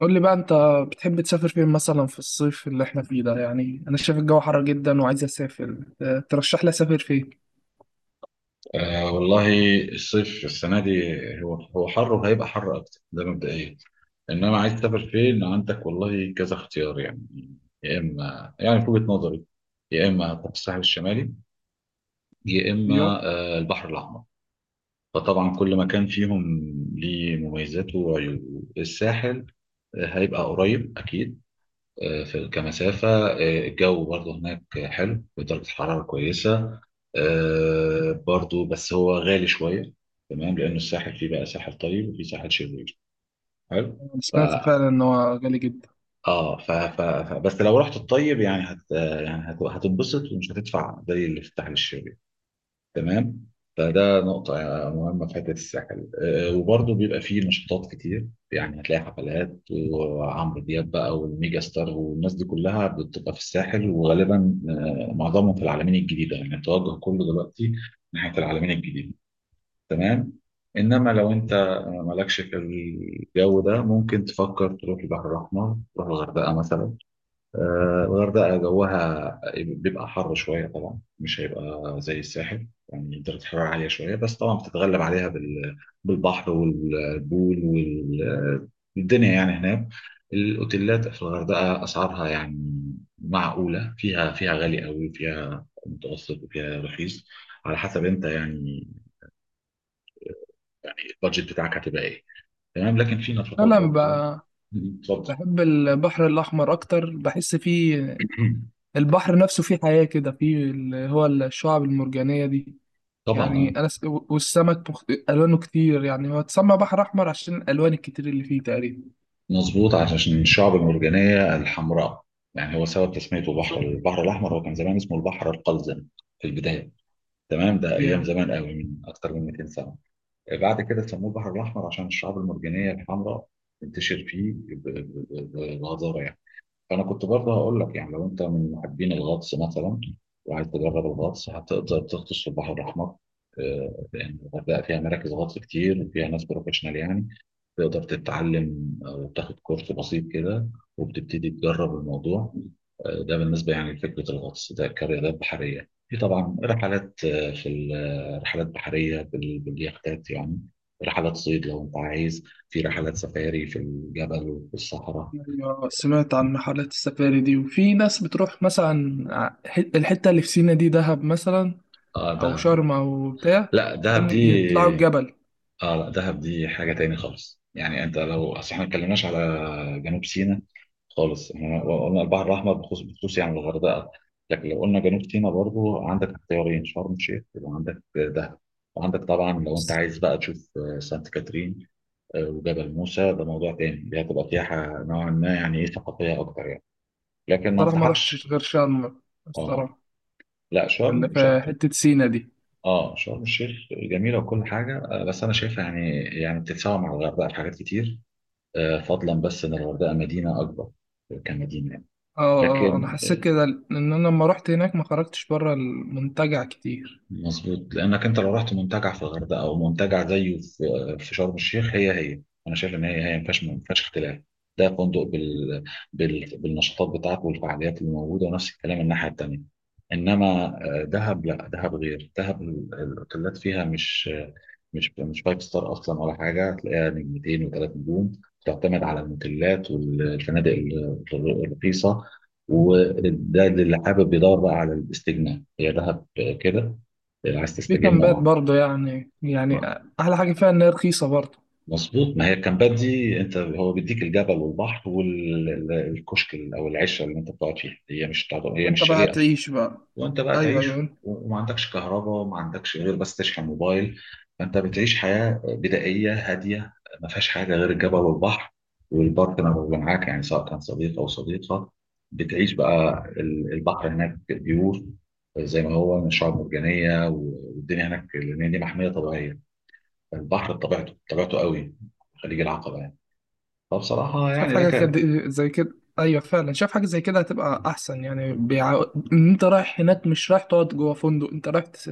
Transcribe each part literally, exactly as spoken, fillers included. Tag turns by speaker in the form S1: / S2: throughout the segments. S1: قول لي بقى انت بتحب تسافر فين مثلا في الصيف اللي احنا فيه ده؟ يعني انا شايف الجو حر جدا وعايز اسافر، اه، ترشح لي اسافر فين؟
S2: آه والله. الصيف السنة دي هو هو حر وهيبقى حر أكتر، ده مبدئيا. إنما عايز تسافر فين؟ عندك والله كذا اختيار يعني. يا إما يعني في وجهة نظري، يا إما هتروح الساحل الشمالي، يا
S1: ايوه.
S2: إما آه البحر الأحمر. فطبعا كل مكان فيهم ليه مميزاته وعيوبه. الساحل آه، هيبقى قريب أكيد، آه، في كمسافة، آه، الجو برضو هناك حلو، درجة الحرارة كويسة، آه، برضو بس هو غالي شوية. تمام، لأنه الساحل فيه بقى ساحل طيب وفيه ساحل شرير. حلو.
S1: انا
S2: ف
S1: سمعت فعلا ان هو غالي جدا.
S2: اه ف... ف... ف... بس لو رحت الطيب يعني هت يعني هت... هتنبسط ومش هتدفع زي اللي في الساحل الشرير. تمام. فده نقطة مهمة في حتة الساحل، آه، وبرضه بيبقى فيه نشاطات كتير. يعني هتلاقي حفلات وعمرو دياب بقى والميجا ستار والناس دي كلها بتبقى في الساحل، وغالبا آه، معظمهم في العلمين الجديدة. يعني التوجه كله دلوقتي ناحية العلمين الجديدة. تمام. إنما لو أنت مالكش في الجو ده، ممكن تفكر تروح البحر الأحمر، تروح الغردقة مثلا. آه، الغردقة جوها بيبقى حر شوية طبعا، مش هيبقى زي الساحل. يعني درجة الحرارة عالية شوية، بس طبعا بتتغلب عليها بال- بالبحر والبول والدنيا يعني هناك. الأوتيلات في الغردقة أسعارها يعني معقولة، فيها فيها غالي قوي، فيها متوسط، وفيها رخيص، على حسب أنت يعني البادجت بتاعك هتبقى إيه. تمام. لكن في نشاطات
S1: انا
S2: برضه.
S1: بقى
S2: اتفضل.
S1: بحب البحر الاحمر اكتر، بحس فيه البحر نفسه فيه حياة كده، فيه اللي هو الشعاب المرجانية دي.
S2: طبعا
S1: يعني
S2: آه.
S1: انا س... والسمك مخت... الوانه كتير، يعني هو اتسمى بحر احمر عشان الالوان الكتير اللي فيه تقريبا.
S2: مظبوط، عشان الشعب المرجانية الحمراء. يعني هو سبب تسميته بحر
S1: بالظبط،
S2: البحر الأحمر، هو كان زمان اسمه البحر القلزم في البداية. تمام، ده
S1: ايوه.
S2: أيام زمان قوي، من أكتر من ميتين سنة. بعد كده سموه البحر الأحمر عشان الشعاب المرجانية الحمراء تنتشر فيه ب- ب- ب- بغزارة. انا كنت برضه هقول لك يعني لو انت من محبين الغطس مثلا وعايز تجرب الغطس، هتقدر تغطس في البحر الاحمر، آه، لان الغردقه فيها مراكز غطس كتير، وفيها ناس بروفيشنال يعني تقدر تتعلم، آه، وتاخد كورس بسيط كده وبتبتدي تجرب الموضوع. آه، ده بالنسبه يعني لفكره الغطس، ده كرياضات بحريه. في طبعا رحلات، آه، في ال- آه، رحلات بحريه بال- باليختات يعني، رحلات صيد لو انت عايز، في رحلات سفاري في الجبل وفي الصحراء.
S1: أيوة، سمعت عن رحلات السفاري دي وفي ناس بتروح مثلا ح- الحتة اللي في سينا دي دهب مثلا،
S2: اه ده.
S1: أو شرم أو بتاع
S2: لا، دهب
S1: عشان
S2: دي،
S1: يطلعوا الجبل.
S2: اه لا دهب دي حاجة تاني خالص. يعني انت لو اصل احنا ما اتكلمناش على جنوب سيناء خالص. احنا
S1: أنا
S2: قلنا البحر الاحمر بخصوص بخصوص يعني الغردقة. لكن لو قلنا جنوب سيناء برضو، عندك اختيارين: شرم الشيخ، وعندك دهب. وعندك طبعا لو انت
S1: بس-
S2: عايز بقى تشوف آه، سانت كاترين، آه، وجبل موسى، ده موضوع تاني. دي هتبقى سياحة نوعا ما يعني ايه، ثقافية اكتر يعني. لكن ما
S1: الصراحة ما رحتش
S2: انصحكش.
S1: غير شرم.
S2: اه.
S1: الصراحة
S2: لا،
S1: اللي
S2: شرم،
S1: في حتة سينا دي،
S2: اه شرم الشيخ جميله وكل حاجه، آه، بس انا شايفها يعني يعني بتتساوى مع الغردقه في حاجات كتير، آه، فضلا بس ان الغردقه مدينه اكبر كمدينه يعني.
S1: اه اه أنا
S2: لكن
S1: حسيت كده إن أنا لما رحت هناك ما خرجتش بره المنتجع كتير.
S2: مظبوط، لانك انت لو رحت منتجع في الغردقه او منتجع زيه في في شرم الشيخ، هي هي. انا شايف ان هي هي ما فيهاش ما فيهاش اختلاف. ده فندق بال... بال... بالنشاطات بتاعته والفعاليات اللي موجوده، ونفس الكلام الناحيه التانيه. انما آه، دهب، لا دهب غير دهب، ال- الاوتيلات فيها مش آه، مش مش فايف ستار اصلا ولا حاجه، تلاقيها نجمتين وثلاث نجوم، تعتمد على الموتيلات والفنادق ال- الرخيصه. وده اللي حابب يدور بقى على الاستجمام هي دهب. كده عايز
S1: في
S2: تستجم،
S1: كامبات
S2: اه.
S1: برضه، يعني يعني
S2: آه.
S1: أحلى حاجة فيها إن هي رخيصة برضه.
S2: مظبوط، ما هي الكامبات دي انت هو بيديك الجبل والبحر والكشك او العشه اللي انت بتقعد فيها، هي مش تعض- هي مش
S1: وأنت بقى
S2: شاليه اصلا.
S1: تعيش بقى.
S2: وانت بقى
S1: أيوه،
S2: تعيش.
S1: أيوه.
S2: و- وما عندكش كهرباء، وما عندكش غير بس تشحن موبايل. فانت بتعيش حياه بدائيه هاديه، ما فيهاش حاجه غير الجبل والبحر، والبارتنر اللي معاك يعني سواء كان صديق او صديقه. بتعيش بقى. ال- البحر هناك بيور زي ما هو، من شعاب مرجانيه والدنيا هناك، لان دي محميه طبيعيه. البحر بطبيعته طبيعته قوي، خليج العقبة يعني. فبصراحة
S1: شاف
S2: يعني
S1: حاجة
S2: لك.
S1: كده زي كده. أيوة، فعلا شاف حاجة زي كده هتبقى أحسن، يعني بيع... إن أنت رايح هناك مش رايح تقعد جوه فندق، أنت رايح تس...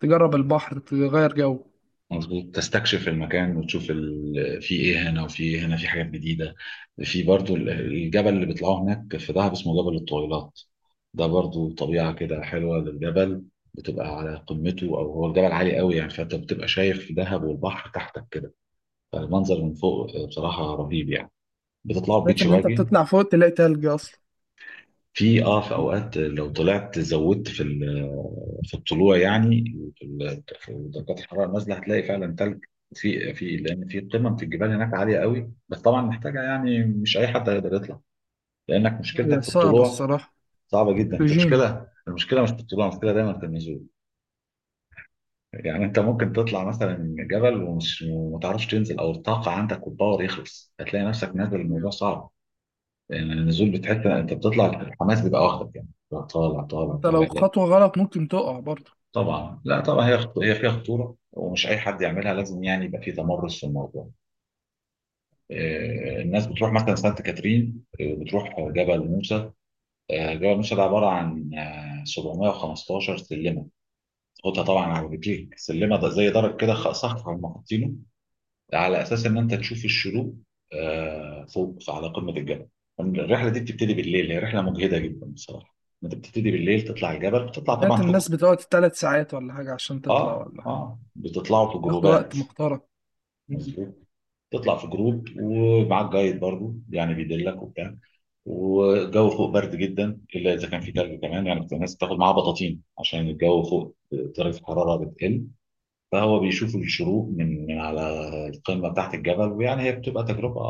S1: تجرب البحر، تغير جو.
S2: مظبوط، تستكشف المكان وتشوف ال... في ايه هنا وفي ايه هنا، في حاجات جديدة. في برضو ال- الجبل اللي بيطلعوه هناك في دهب اسمه جبل الطويلات، ده برضو طبيعة كده حلوة للجبل. بتبقى على قمته، او هو الجبل عالي قوي يعني، فانت بتبقى شايف في دهب والبحر تحتك كده، فالمنظر من فوق بصراحة رهيب يعني. بتطلعوا
S1: لقيت
S2: بيتش
S1: إن أنت
S2: باجي.
S1: بتطلع فوق تلاقي تلج أصلا.
S2: في اه في
S1: لا،
S2: اوقات لو طلعت زودت في ال- في الطلوع يعني، في ال- في درجات الحراره نازله، هتلاقي فعلا ثلج. في في لان في قمم في الجبال هناك عاليه قوي، بس طبعا محتاجه يعني مش اي حد هيقدر يطلع، لانك مشكلتك
S1: هي
S2: في
S1: صعبة
S2: الطلوع.
S1: الصراحة.
S2: صعبه جدا، انت
S1: أكسجين.
S2: مشكله المشكله مش في الطلوع، المشكله دايما في النزول. يعني انت ممكن تطلع مثلا جبل ومش وما تعرفش تنزل، او الطاقه عندك والباور يخلص، هتلاقي نفسك نازل، الموضوع
S1: أيوة.
S2: صعب يعني. النزول، بتحس انت بتطلع الحماس بيبقى واخدك يعني، طالع طالع
S1: أنت لو
S2: طالع.
S1: خطوة غلط ممكن تقع برضه.
S2: طبعا، لا طبعا هي خط- هي فيها خطوره، ومش اي حد يعملها، لازم يعني يبقى في تمرس في الموضوع. آه، الناس بتروح مثلا سانت كاترين، آه، بتروح جبل موسى. آه، جبل موسى ده عباره عن آه، سبعمية وخمستاشر سلمه. خدها طبعا على رجليك، سلمه ده زي درج كده خ-
S1: آه.
S2: صف هم حاطينه على اساس ان انت تشوف الشروق آه، فوق على قمه الجبل. الرحله دي بتبتدي بالليل، هي رحله مجهده جدا بصراحه. انت بتبتدي بالليل تطلع الجبل، بتطلع طبعا
S1: سمعت
S2: في جو-
S1: الناس بتقعد ثلاث ساعات ولا حاجة عشان تطلع
S2: اه
S1: ولا حاجة،
S2: اه، بتطلعوا في
S1: ياخدوا وقت
S2: جروبات.
S1: محترم. مم.
S2: مظبوط. تطلع في جروب ومعاك جايد برضو يعني بيدلك وبتاع، والجو فوق برد جدا، الا اذا كان في تلج كمان يعني. كنت الناس بتاخد معاها بطاطين عشان الجو فوق درجه الحراره بتقل. فهو بيشوف الشروق من من على القمه بتاعت الجبل، ويعني هي بتبقى تجربه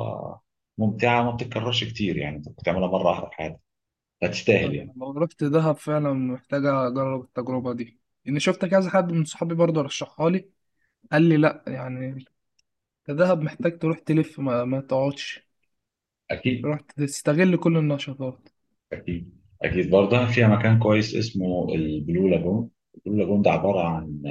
S2: ممتعه وما بتتكررش كتير، يعني انت بتعملها مره واحده في حياتك.
S1: لا،
S2: هتستاهل
S1: أنا
S2: يعني.
S1: لو رحت دهب فعلا محتاجة أجرب التجربة دي، إني شفت كذا حد من صحابي برضه رشحها لي، قال لي لا يعني الذهب محتاج تروح تلف، ما, ما تقعدش،
S2: اكيد.
S1: تروح تستغل كل النشاطات.
S2: اكيد اكيد، برضه فيها مكان كويس اسمه البلو لاجون. البلو لاجون ده عباره عن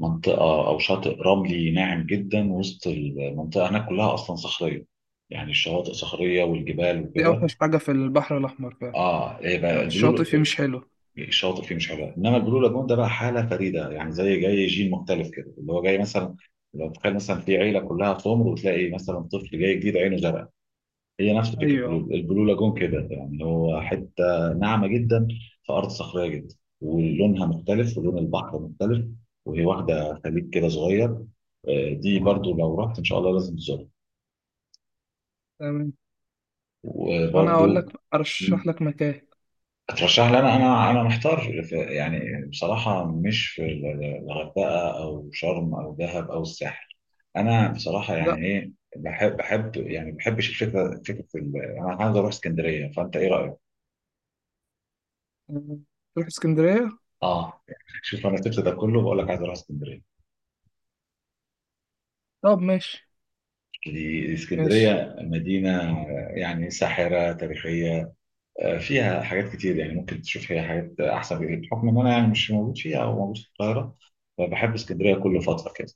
S2: منطقة أو شاطئ رملي ناعم جدا، وسط المنطقة هناك كلها أصلا صخرية، يعني الشواطئ صخرية والجبال
S1: دي
S2: وكده.
S1: اوحش حاجة في البحر الأحمر فعلا،
S2: اه، ايه بقى
S1: الشاطئ
S2: البلو.
S1: فيه مش حلو.
S2: الشواطئ فيه مش حلوة، انما البلو لاجون ده بقى حالة فريدة، يعني زي جاي جيل مختلف كده اللي هو جاي مثلا. لو تخيل مثلا في عيلة كلها سمر وتلاقي مثلا طفل جاي جديد عينه زرقاء، هي نفس فكرة
S1: أيوه،
S2: البلو البلو لاجون كده، يعني هو حتة ناعمة جدا في أرض صخرية جدا، ولونها مختلف، ولون البحر مختلف، وهي واخدة خليج كده صغير. آه، دي برضو لو رحت إن شاء الله لازم تزورها.
S1: تمام. طب أنا
S2: وبرضو
S1: أقول لك أرشح لك مكان.
S2: اترشح لي. أنا أنا أنا محتار ف- يعني بصراحة مش في ال- ال- الغردقة أو شرم أو دهب أو الساحل. أنا بصراحة
S1: لا
S2: يعني إيه، بحب بحب يعني ما بحبش الفكرة، فكرة ال- أنا عايز أروح اسكندرية، فأنت إيه رأيك؟
S1: تروح اسكندرية.
S2: اه. شوف، انا سبت ده كله بقول لك عايز اروح اسكندريه.
S1: طب ماشي،
S2: دي-
S1: ماشي.
S2: اسكندريه مدينه آه، يعني ساحره تاريخيه، آه، فيها حاجات كتير، يعني ممكن تشوف فيها حاجات احسن بكتير، بحكم ان انا يعني مش موجود فيها او موجود في القاهره. فبحب اسكندريه كل فتره كده.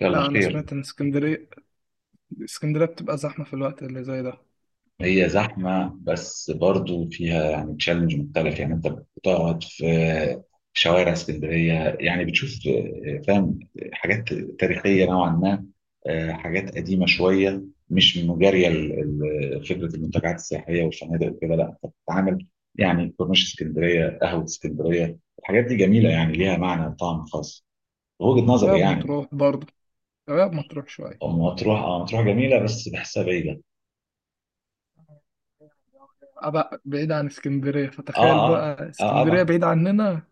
S2: يلا
S1: لا، أنا
S2: خير.
S1: سمعت إن اسكندرية اسكندرية بتبقى زحمة في الوقت اللي زي ده.
S2: هي زحمة بس برضو فيها يعني تشالنج مختلف. يعني انت بتقعد في في شوارع اسكندرية، يعني بتشوف، آه، فاهم، حاجات تاريخية نوعا ما، آه، حاجات قديمة شوية، مش مجارية ل- ل- فكرة المنتجعات السياحية والفنادق وكده. لا، انت بتتعامل يعني كورنيش اسكندرية، قهوة اسكندرية، الحاجات دي جميلة، يعني ليها معنى وطعم خاص. وجهة نظري
S1: شباب
S2: يعني.
S1: مطروح برضه، شباب مطروح شوية.
S2: مطروح، اه مطروح جميلة بس بحسها بعيدة.
S1: أبقى بعيد عن اسكندرية،
S2: اه
S1: فتخيل
S2: اه
S1: بقى
S2: اه. آه،
S1: اسكندرية
S2: طبعا.
S1: بعيد عننا.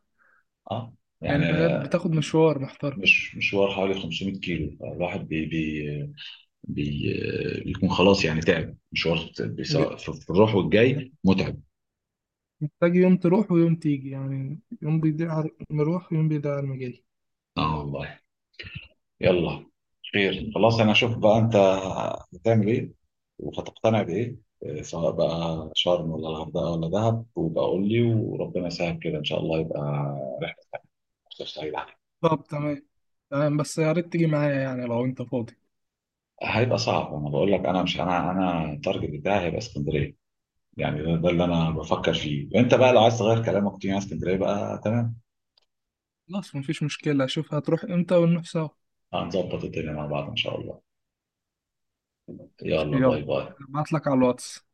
S2: اه. يعني
S1: يعني تخيل بتاخد مشوار محترم،
S2: مش مشوار، حوالي خمسمية كيلو، فالواحد بي بي بي بيكون خلاص يعني تعب مشوار
S1: ل-
S2: بيسا- في في الروح والجاي متعب.
S1: محتاج يوم تروح ويوم تيجي، يعني يوم بيضيع على المروح ويوم بيضيع على المجاي.
S2: اه والله. يلا خير. خلاص انا اشوف بقى انت هتعمل ايه وهتقتنع بايه، آه، سواء بقى شرم ولا الغردقه ولا دهب، وبقى قول لي، وربنا يسهل كده ان شاء الله، يبقى رحله مصيف سعيده عليك.
S1: طب تمام، تمام. بس يا ريت تيجي معايا يعني لو انت فاضي.
S2: هيبقى صعب، انا بقول لك انا مش انا انا التارجت بتاعي هيبقى اسكندريه. يعني ده, ده اللي انا بفكر فيه، وانت بقى لو عايز تغير كلامك تيجي على اسكندريه بقى. تمام.
S1: خلاص، مفيش مشكلة، اشوف هتروح امتى ونروح سوا.
S2: هنظبط الدنيا مع بعض إن شاء الله.
S1: ماشي،
S2: يلا
S1: يلا،
S2: باي باي.
S1: ابعت لك على الواتس.